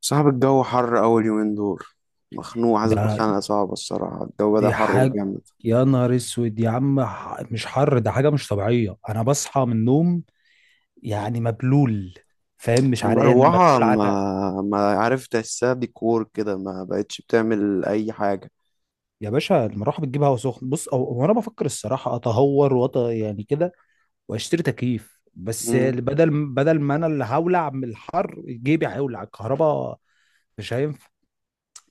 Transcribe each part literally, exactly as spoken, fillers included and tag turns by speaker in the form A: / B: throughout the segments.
A: صعب الجو حر أول يومين دول. مخنوق، حاسس
B: ده
A: بخنقة صعبة، الصراحة الجو بدأ
B: دي
A: حر
B: حاجة.
A: جامد.
B: يا نهار اسود يا عم، ح- مش حر ده، حاجة مش طبيعية. انا بصحى من النوم يعني مبلول، فاهم؟ مش عرقان،
A: مروحة
B: مبلول عرق.
A: ما ما عارف تحسها، ديكور كده، ما بقتش بتعمل أي حاجة.
B: يا باشا المروحة بتجيب هوا سخن. بص أو- هو انا بفكر الصراحة اتهور وأط يعني كده واشتري تكييف، بس
A: مم.
B: بدل بدل ما انا اللي هولع من الحر، جيبي هيولع الكهرباء. مش هينفع.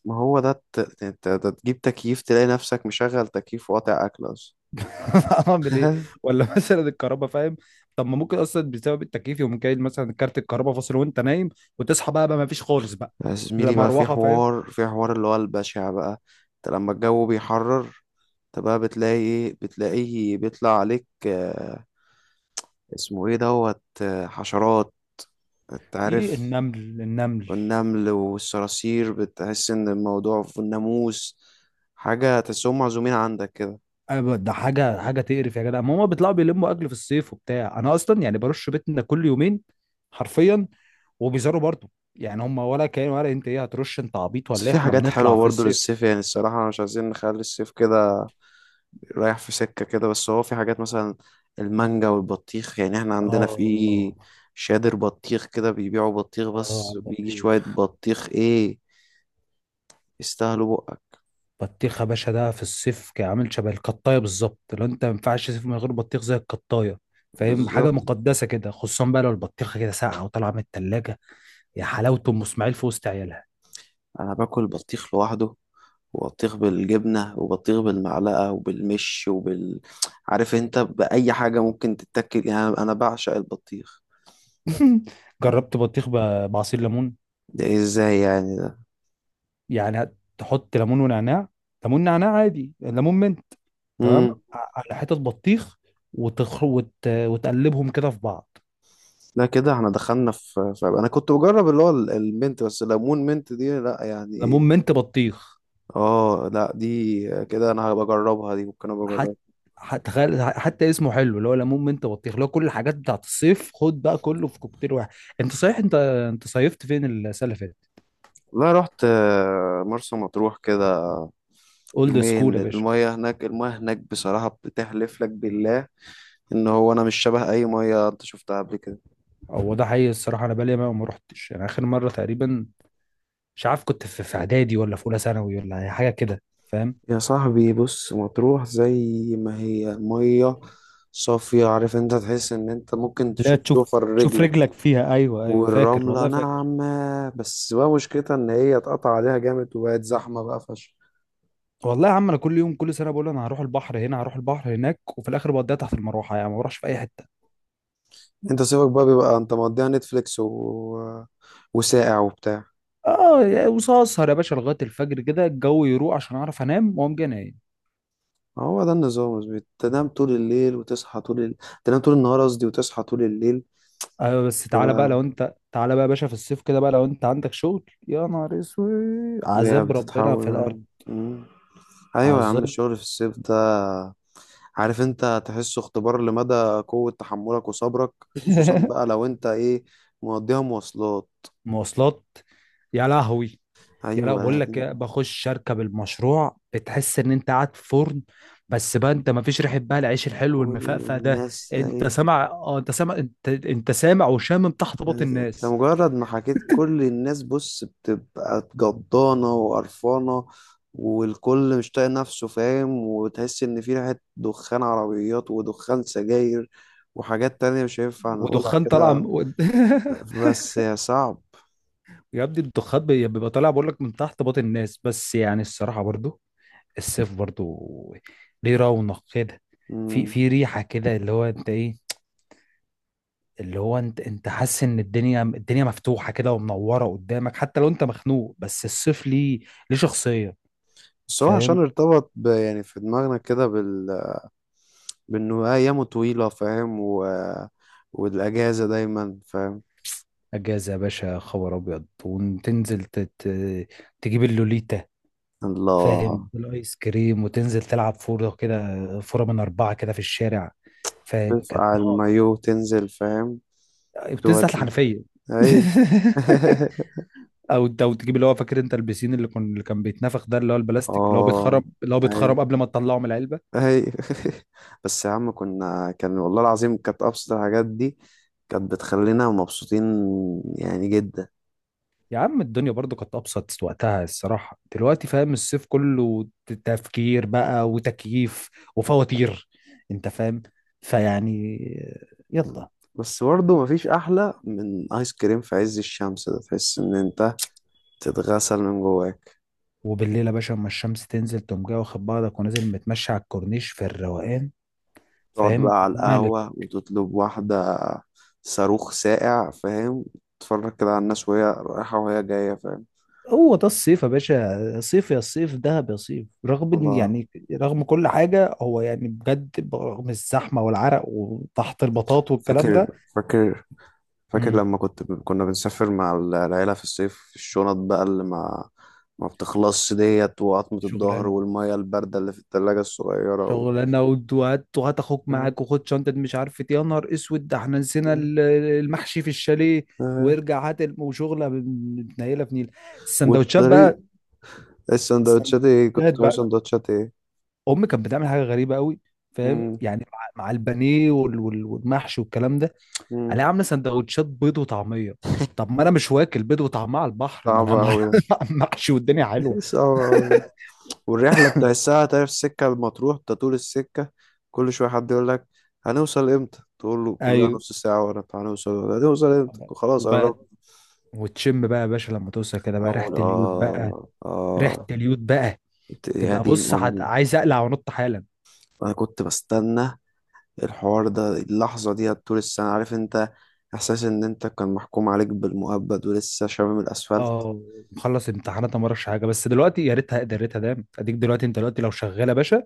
A: ما هو ده ت- ت- ت- ده تجيب تكييف تلاقي نفسك مشغل تكييف وقاطع أكل أصلا.
B: اعمل ايه؟ ولا مثلا الكهرباء، فاهم. طب ما ممكن اصلا بسبب التكييف يقوم جاي مثلا كارت الكهرباء فاصل وانت نايم، وتصحى بقى بقى ما فيش خالص بقى.
A: يا
B: لا
A: زميلي بقى، في
B: مروحه فاهم.
A: حوار في حوار اللي هو البشع بقى. انت لما الجو بيحرر، انت بقى بتلاقي ايه؟ بتلاقيه بيطلع عليك آه، اسمه ايه دوت آه، حشرات، انت
B: ايه؟
A: عارف،
B: النمل النمل.
A: والنمل والصراصير بتحس ان الموضوع في الناموس، حاجة تحسهم معزومين عندك كده.
B: أنا ب- ده حاجه حاجه تقرف يا جدع. ما هما بيطلعوا بيلموا اكل في الصيف وبتاع، انا اصلا يعني برش بيتنا كل يومين، حرفيا، وبيزاروا برضه. يعني هما ولا كان ولا انت ايه؟ هترش انت عبيط
A: بس
B: ولا ايه؟
A: في
B: احنا
A: حاجات حلوة
B: بنطلع في
A: برضو
B: الصيف.
A: للصيف، يعني الصراحة مش عايزين نخلي الصيف كده رايح في سكة كده. بس هو في حاجات مثلا المانجا والبطيخ، يعني احنا عندنا في
B: اه،
A: شادر بطيخ كده بيبيعوا بطيخ،
B: اه على
A: بس بيجي شوية
B: البطيخ.
A: بطيخ ايه يستاهلوا بقك،
B: بطيخ يا باشا ده في الصيف كان عامل شبه القطايه بالظبط، لو انت ما ينفعش تصيف من غير بطيخ زي القطايه، فاهم. حاجه
A: بالظبط.
B: مقدسه كده، خصوصا بقى لو البطيخه كده ساقعه وطالعه من التلاجة. يا حلاوه ام اسماعيل في وسط عيالها.
A: انا باكل بطيخ لوحده، وبطيخ بالجبنة، وبطيخ بالمعلقة، وبالمش، وبال، عارف انت بأي حاجة ممكن تتاكل، يعني انا أنا بعشق البطيخ.
B: جربت بطيخ ب- بعصير ليمون.
A: ده إيه؟ ازاي يعني ده؟
B: يعني تحط ليمون ونعناع، ليمون نعناع عادي، ليمون منت تمام
A: مم.
B: ع- على حتة بطيخ، وتخ... وت... وتقلبهم كده في بعض.
A: لا كده احنا دخلنا في في- انا كنت بجرب اللي هو ال- المنت، بس ليمون منت دي لا، يعني
B: ليمون
A: ايه؟
B: منت بطيخ،
A: اه، لا دي كده انا هبقى اجربها دي، ممكن ابقى
B: حتى،
A: اجربها.
B: تخيل، حتى اسمه حلو اللي هو ليمون منت بطيخ، اللي هو كل الحاجات بتاعت الصيف خد بقى كله في كوكتيل واحد. انت صحيح، انت انت صيفت فين السنه اللي فاتت؟
A: لا رحت آه، مرسى مطروح كده.
B: اولد سكول
A: يومين،
B: يا باشا.
A: المية هناك، المية هناك بصراحة بتحلف لك بالله ان هو انا مش شبه اي مية انت شفتها قبل كده.
B: هو ده حقيقي الصراحه، انا بقالي ما ما رحتش يعني اخر مره تقريبا، مش عارف، كنت في في اعدادي ولا في اولى ثانوي ولا أي حاجه كده، فاهم.
A: يا صاحبي بص، مطروح زي ما هي مية صافية، عارف انت، تحس ان انت ممكن
B: لا،
A: تشوف
B: تشوف
A: ضفر
B: تشوف
A: رجلك،
B: رجلك فيها، ايوه ايوه فاكر
A: والرملة
B: والله فاكر.
A: ناعمة. بس بقى مشكلتها ان هي اتقطع عليها جامد وبقت زحمة بقى فشخ.
B: والله يا عم انا كل يوم كل سنه بقول انا هروح البحر هنا، هروح البحر هناك، وفي الاخر بقضيها تحت المروحه يعني، ما بروحش في اي حته.
A: انت صيفك بقى بيبقى انت مقضيها نتفليكس، و... وساقع وبتاع.
B: اه، وسهر يا باشا لغايه الفجر كده الجو يروق عشان اعرف انام واقوم جاي نايم.
A: هو ده النظام، بس بتنام طول الليل وتصحى طول ال... تنام طول النهار قصدي، وتصحى طول الليل.
B: ايوه بس تعالى بقى، لو
A: تبقى
B: انت تعالى بقى يا باشا في الصيف كده بقى، لو انت عندك شغل يا نهار اسود، عذاب ربنا
A: بتتحول
B: في الارض.
A: يعني. مم. ايوه يا عم،
B: عذاب.
A: الشغل في الصيف، عارف انت تحسه اختبار لمدى قوة تحملك وصبرك، خصوصا بقى لو انت ايه مقضيها مواصلات.
B: مواصلات، يا لهوي. يا، لا
A: ايوه.
B: بقول لك إيه، بخش اركب المشروع بتحس ان انت قاعد في فرن. بس بقى انت ما فيش ريحه بقى العيش الحلو
A: كل
B: المفقفع ده،
A: الناس
B: انت
A: ايه،
B: سامع؟ اه، انت سامع، انت انت سامع وشامم تحت باط
A: انت
B: الناس.
A: مجرد ما حكيت كل الناس بص بتبقى جضانة وقرفانة، والكل مش طايق نفسه، فاهم، وتحس ان في ريحة دخان عربيات ودخان سجاير، وحاجات تانية مش هينفع نقولها
B: ودخان طالع
A: كده.
B: من-
A: بس يا صعب.
B: يا ابني الضخات بي- بيبقى طالع بقول لك من تحت باطن الناس. بس يعني الصراحه برضو، الصيف برضو ليه رونق كده. في
A: مم.
B: في ريحه كده، اللي هو انت ايه، اللي هو انت انت حاسس ان الدنيا، الدنيا مفتوحه كده ومنوره قدامك، حتى لو انت مخنوق. بس الصيف ليه، ليه شخصيه،
A: بس هو عشان
B: فاهم.
A: ارتبط ب- يعني في دماغنا كده بال بأنه أيامه طويلة، فاهم، و... والأجازة دايما، فاهم.
B: اجازه يا باشا خبر ابيض، وتنزل تت... تجيب اللوليتا، فاهم،
A: الله.
B: والايس كريم، وتنزل تلعب فوره كده، فوره من اربعه كده في الشارع، فاهم، كانت
A: ترفع
B: نار.
A: المايو تنزل، فاهم،
B: بتنزل تحت
A: تودي
B: الحنفيه.
A: أي.
B: او، او تجيب اللي هو فاكر انت البسين اللي كان اللي كان بيتنفخ ده، اللي هو البلاستيك اللي هو بيتخرم،
A: اه،
B: اللي هو بيتخرم
A: أي،
B: قبل ما تطلعه من العلبه.
A: أي. بس يا عم كنا، كان والله العظيم كانت أبسط الحاجات دي كانت بتخلينا مبسوطين يعني جدا.
B: يا عم الدنيا برضو كانت ابسط وقتها الصراحه، دلوقتي فاهم الصيف كله ت- تفكير بقى وتكييف وفواتير، انت فاهم. فيعني، يلا.
A: بس برضه مفيش أحلى من آيس كريم في عز الشمس، ده تحس إن أنت تتغسل من جواك.
B: وبالليل يا باشا اما الشمس تنزل تقوم جاي واخد بعضك ونازل متمشى على الكورنيش في الروقان،
A: تقعد
B: فاهم،
A: بقى على
B: ملك.
A: القهوة وتطلب واحدة صاروخ ساقع، فاهم، تتفرج كده على الناس وهي رايحة وهي جاية، فاهم.
B: هو ده الصيف يا باشا، صيف يا صيف، دهب يا صيف، رغم ان
A: الله.
B: يعني، رغم كل حاجه، هو يعني بجد، رغم الزحمه والعرق وتحت البطاط والكلام
A: فاكر،
B: ده.
A: فاكر، فاكر
B: امم،
A: لما كنت كنا بنسافر مع ال- العيلة في الصيف، الشنط بقى اللي ما ما بتخلصش ديت، وعظمة الظهر،
B: شغلانه،
A: والمية الباردة اللي في التلاجة الصغيرة. و...
B: شغلانه ود- وهات وهات اخوك
A: آه،
B: معاك وخد شنطه مش عارف إيه. يا نهار اسود، ده احنا نسينا
A: آه،
B: ال- المحشي في الشاليه،
A: آه.
B: وارجع هات الم- وشغله متنيله في نيل. السندوتشات
A: والطريق.
B: بقى
A: السندوتشات ايه؟ كنت
B: السندوتشات
A: بتعمل
B: بقى
A: سندوتشات ايه؟
B: امي كانت بتعمل حاجه غريبه قوي، فاهم،
A: مم.
B: يعني مع، مع البانيه وال- وال- والمحشي والكلام ده،
A: مم.
B: عليها عامله سندوتشات بيض وطعميه. طب ما انا مش واكل بيض وطعميه على البحر، ما انا
A: صعبة
B: مع
A: أوي.
B: محشي والدنيا
A: ده
B: حلوه.
A: صعبة أوي. والرحلة تحسها، تعرف السكة المطروح، انت طول السكة كل شوية حد يقول لك هنوصل امتى؟ تقول له كلها
B: ايوه،
A: نص ساعة ورا، طب هنوصل هنوصل امتى؟ خلاص
B: وبقى
A: قربت.
B: وتشم بقى يا باشا لما توصل كده بقى ريحه
A: اقول
B: اليود بقى،
A: اه،
B: ريحه
A: اه.
B: اليود بقى.
A: إنت- يا
B: تبقى
A: دين
B: بص هت-
A: امي.
B: عايز اقلع وانط حالا.
A: انا كنت بستنى الحوار ده، اللحظة دي، طول السنة، عارف انت، احساس ان انت كان محكوم عليك بالمؤبد، ولسه شامم الاسفلت.
B: اه، مخلص امتحانات أنا ما اعرفش حاجه، بس دلوقتي، يا ريتها يا ريتها دام اديك، دلوقتي انت دلوقتي لو شغال يا باشا،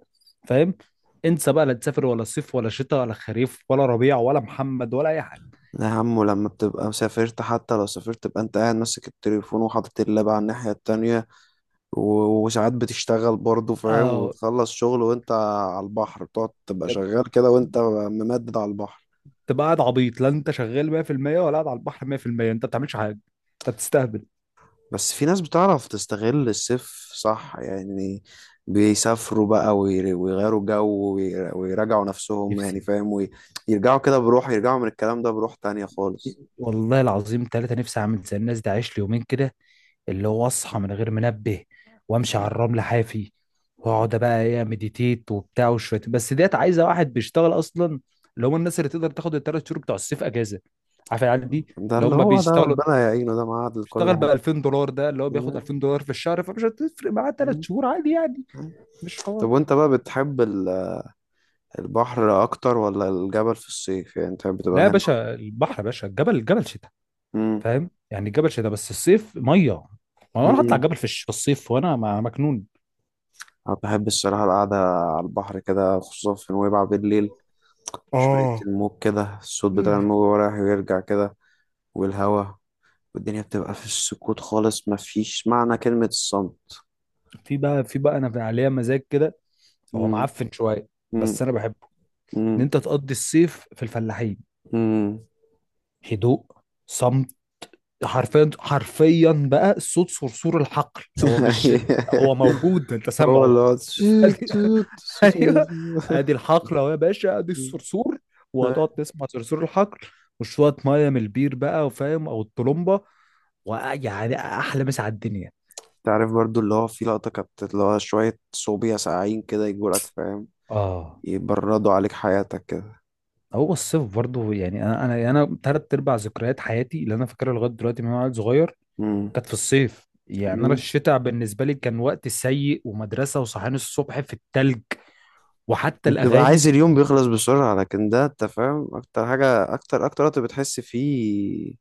B: فاهم. انسى بقى، لا تسافر ولا صيف ولا شتاء ولا خريف ولا ربيع ولا محمد ولا اي حاجه.
A: ده يا عمو لما بتبقى مسافرت، حتى لو سافرت تبقى انت قاعد ماسك التليفون، وحاطط اللاب على الناحية التانية، و- وساعات بتشتغل برضه، فاهم،
B: اه،
A: وتخلص شغل وانت على البحر، بتقعد تبقى شغال كده وانت ممدد على البحر.
B: تبقى قاعد عبيط، لا انت شغال مية في المية ولا قاعد على البحر مية في المية، انت ما بتعملش حاجه، انت بتستهبل.
A: بس في ناس بتعرف تستغل الصيف، صح يعني، بيسافروا بقى وير- ويغيروا جو، وير- ويراجعوا نفسهم، يعني
B: نفسي،
A: فاهم، وي- يرجعوا كده بروح، يرجعوا من الكلام ده بروح تانية خالص.
B: والله العظيم ثلاثة، نفسي اعمل زي الناس دي، عايش لي يومين كده، اللي هو اصحى من غير منبه، وامشي على الرمل حافي، واقعد بقى ايه، مديتيت وبتاع، وشويه بس ديت عايزه واحد بيشتغل اصلا، اللي هم الناس اللي تقدر تاخد الثلاث شهور بتوع الصيف اجازه، عارف العيال دي
A: ده
B: اللي
A: اللي
B: هم
A: هو ده
B: بيشتغلوا،
A: ربنا يعينه، ده معاد لكل
B: بيشتغل ب
A: حاجة.
B: ألفين دولار، ده اللي هو بياخد
A: مم.
B: ألفين دولار في الشهر، فمش هتفرق معاه ثلاث
A: مم.
B: شهور عادي يعني. مش
A: طب
B: حوار.
A: وانت بقى بتحب ال- البحر اكتر ولا الجبل؟ في الصيف يعني انت بتبقى
B: لا يا
A: هنا.
B: باشا البحر، يا باشا الجبل، الجبل شتاء،
A: مم.
B: فاهم، يعني الجبل شتاء بس الصيف ميه. ما انا هطلع
A: مم.
B: الجبل في الش- في الصيف وانا م- مجنون.
A: أنا بحب الصراحة القعدة على البحر كده، خصوصا في نويبع بالليل، شوية
B: اه،
A: الموج كده، الصوت بتاع الموج وهو رايح ويرجع كده، والهوا، والدنيا بتبقى في السكوت خالص، مفيش معنى كلمة الصمت.
B: في بقى في بقى انا عليا مزاج كده. هو
A: مم،
B: معفن شويه
A: مم،
B: بس انا بحبه، ان
A: مم،
B: انت تقضي الصيف في الفلاحين.
A: مم.
B: هدوء، صم. حرفيا حرفيا بقى صوت صرصور الحقل، هو مش، هو موجود انت
A: هو
B: سامعه.
A: اللي هو
B: بس
A: تشيت-
B: ادي
A: توت- صوت-
B: ايوه، ادي الحقل اهو يا باشا، ادي
A: مم.
B: الصرصور، وهتقعد تسمع صرصور الحقل وشويه ميه من البير بقى، وفاهم، او الطلمبه، ويعني احلى مسا على الدنيا.
A: تعرف برضو اللي هو في لقطة كانت، اللي هو شوية صوبيا ساقعين كده يجولك، فاهم،
B: اه،
A: يبردوا عليك حياتك كده.
B: هو الصيف برضه يعني، انا انا انا ثلاث ارباع ذكريات حياتي اللي انا فاكرها لغايه دلوقتي من وانا عيل صغير،
A: مم.
B: كانت في الصيف. يعني انا الشتاء بالنسبه لي كان وقت سيء، ومدرسه وصحيان الصبح في التلج، وحتى
A: بتبقى
B: الاغاني.
A: عايز اليوم بيخلص بسرعة، لكن ده انت فاهم اكتر حاجة، اكتر اكتر وقت بتحس فيه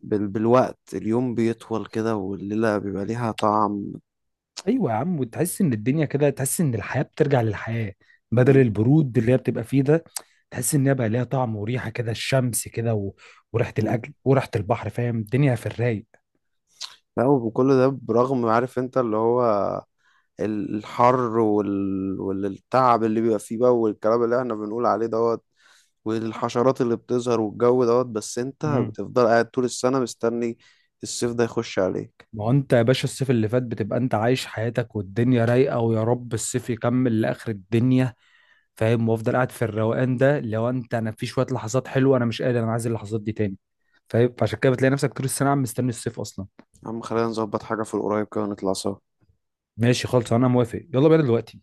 A: بال... بالوقت، اليوم بيطول كده، والليلة بيبقى ليها طعم.
B: ايوه يا عم، وتحس ان الدنيا كده، تحس ان الحياه بترجع للحياه، بدل
A: مم.
B: البرود اللي هي بتبقى فيه ده. تحس ان هي بقى ليها طعم وريحه كده، الشمس كده و... وريحه
A: مم.
B: الاكل وريحه البحر، فاهم، الدنيا في الرايق.
A: لا، وكل ده برغم، عارف انت، اللي هو ال- الحر وال... والتعب اللي بيبقى فيه بقى، والكلام اللي احنا بنقول عليه دوت، والحشرات اللي بتظهر، والجو دوت، بس انت
B: مم.
A: بتفضل قاعد طول السنة مستني الصيف ده يخش عليك.
B: ما هو انت يا باشا الصيف اللي فات بتبقى انت عايش حياتك والدنيا رايقه، ويا رب الصيف يكمل لاخر الدنيا، فاهم. وافضل قاعد في الروقان ده، لو انت، انا في شويه لحظات حلوه انا مش قادر، انا عايز اللحظات دي تاني، فاهم. فعشان كده بتلاقي نفسك طول السنه عم مستني الصيف اصلا.
A: يا عم خلينا نظبط حاجة في القريب كده ونطلع سوا.
B: ماشي خالص، انا موافق، يلا بينا دلوقتي.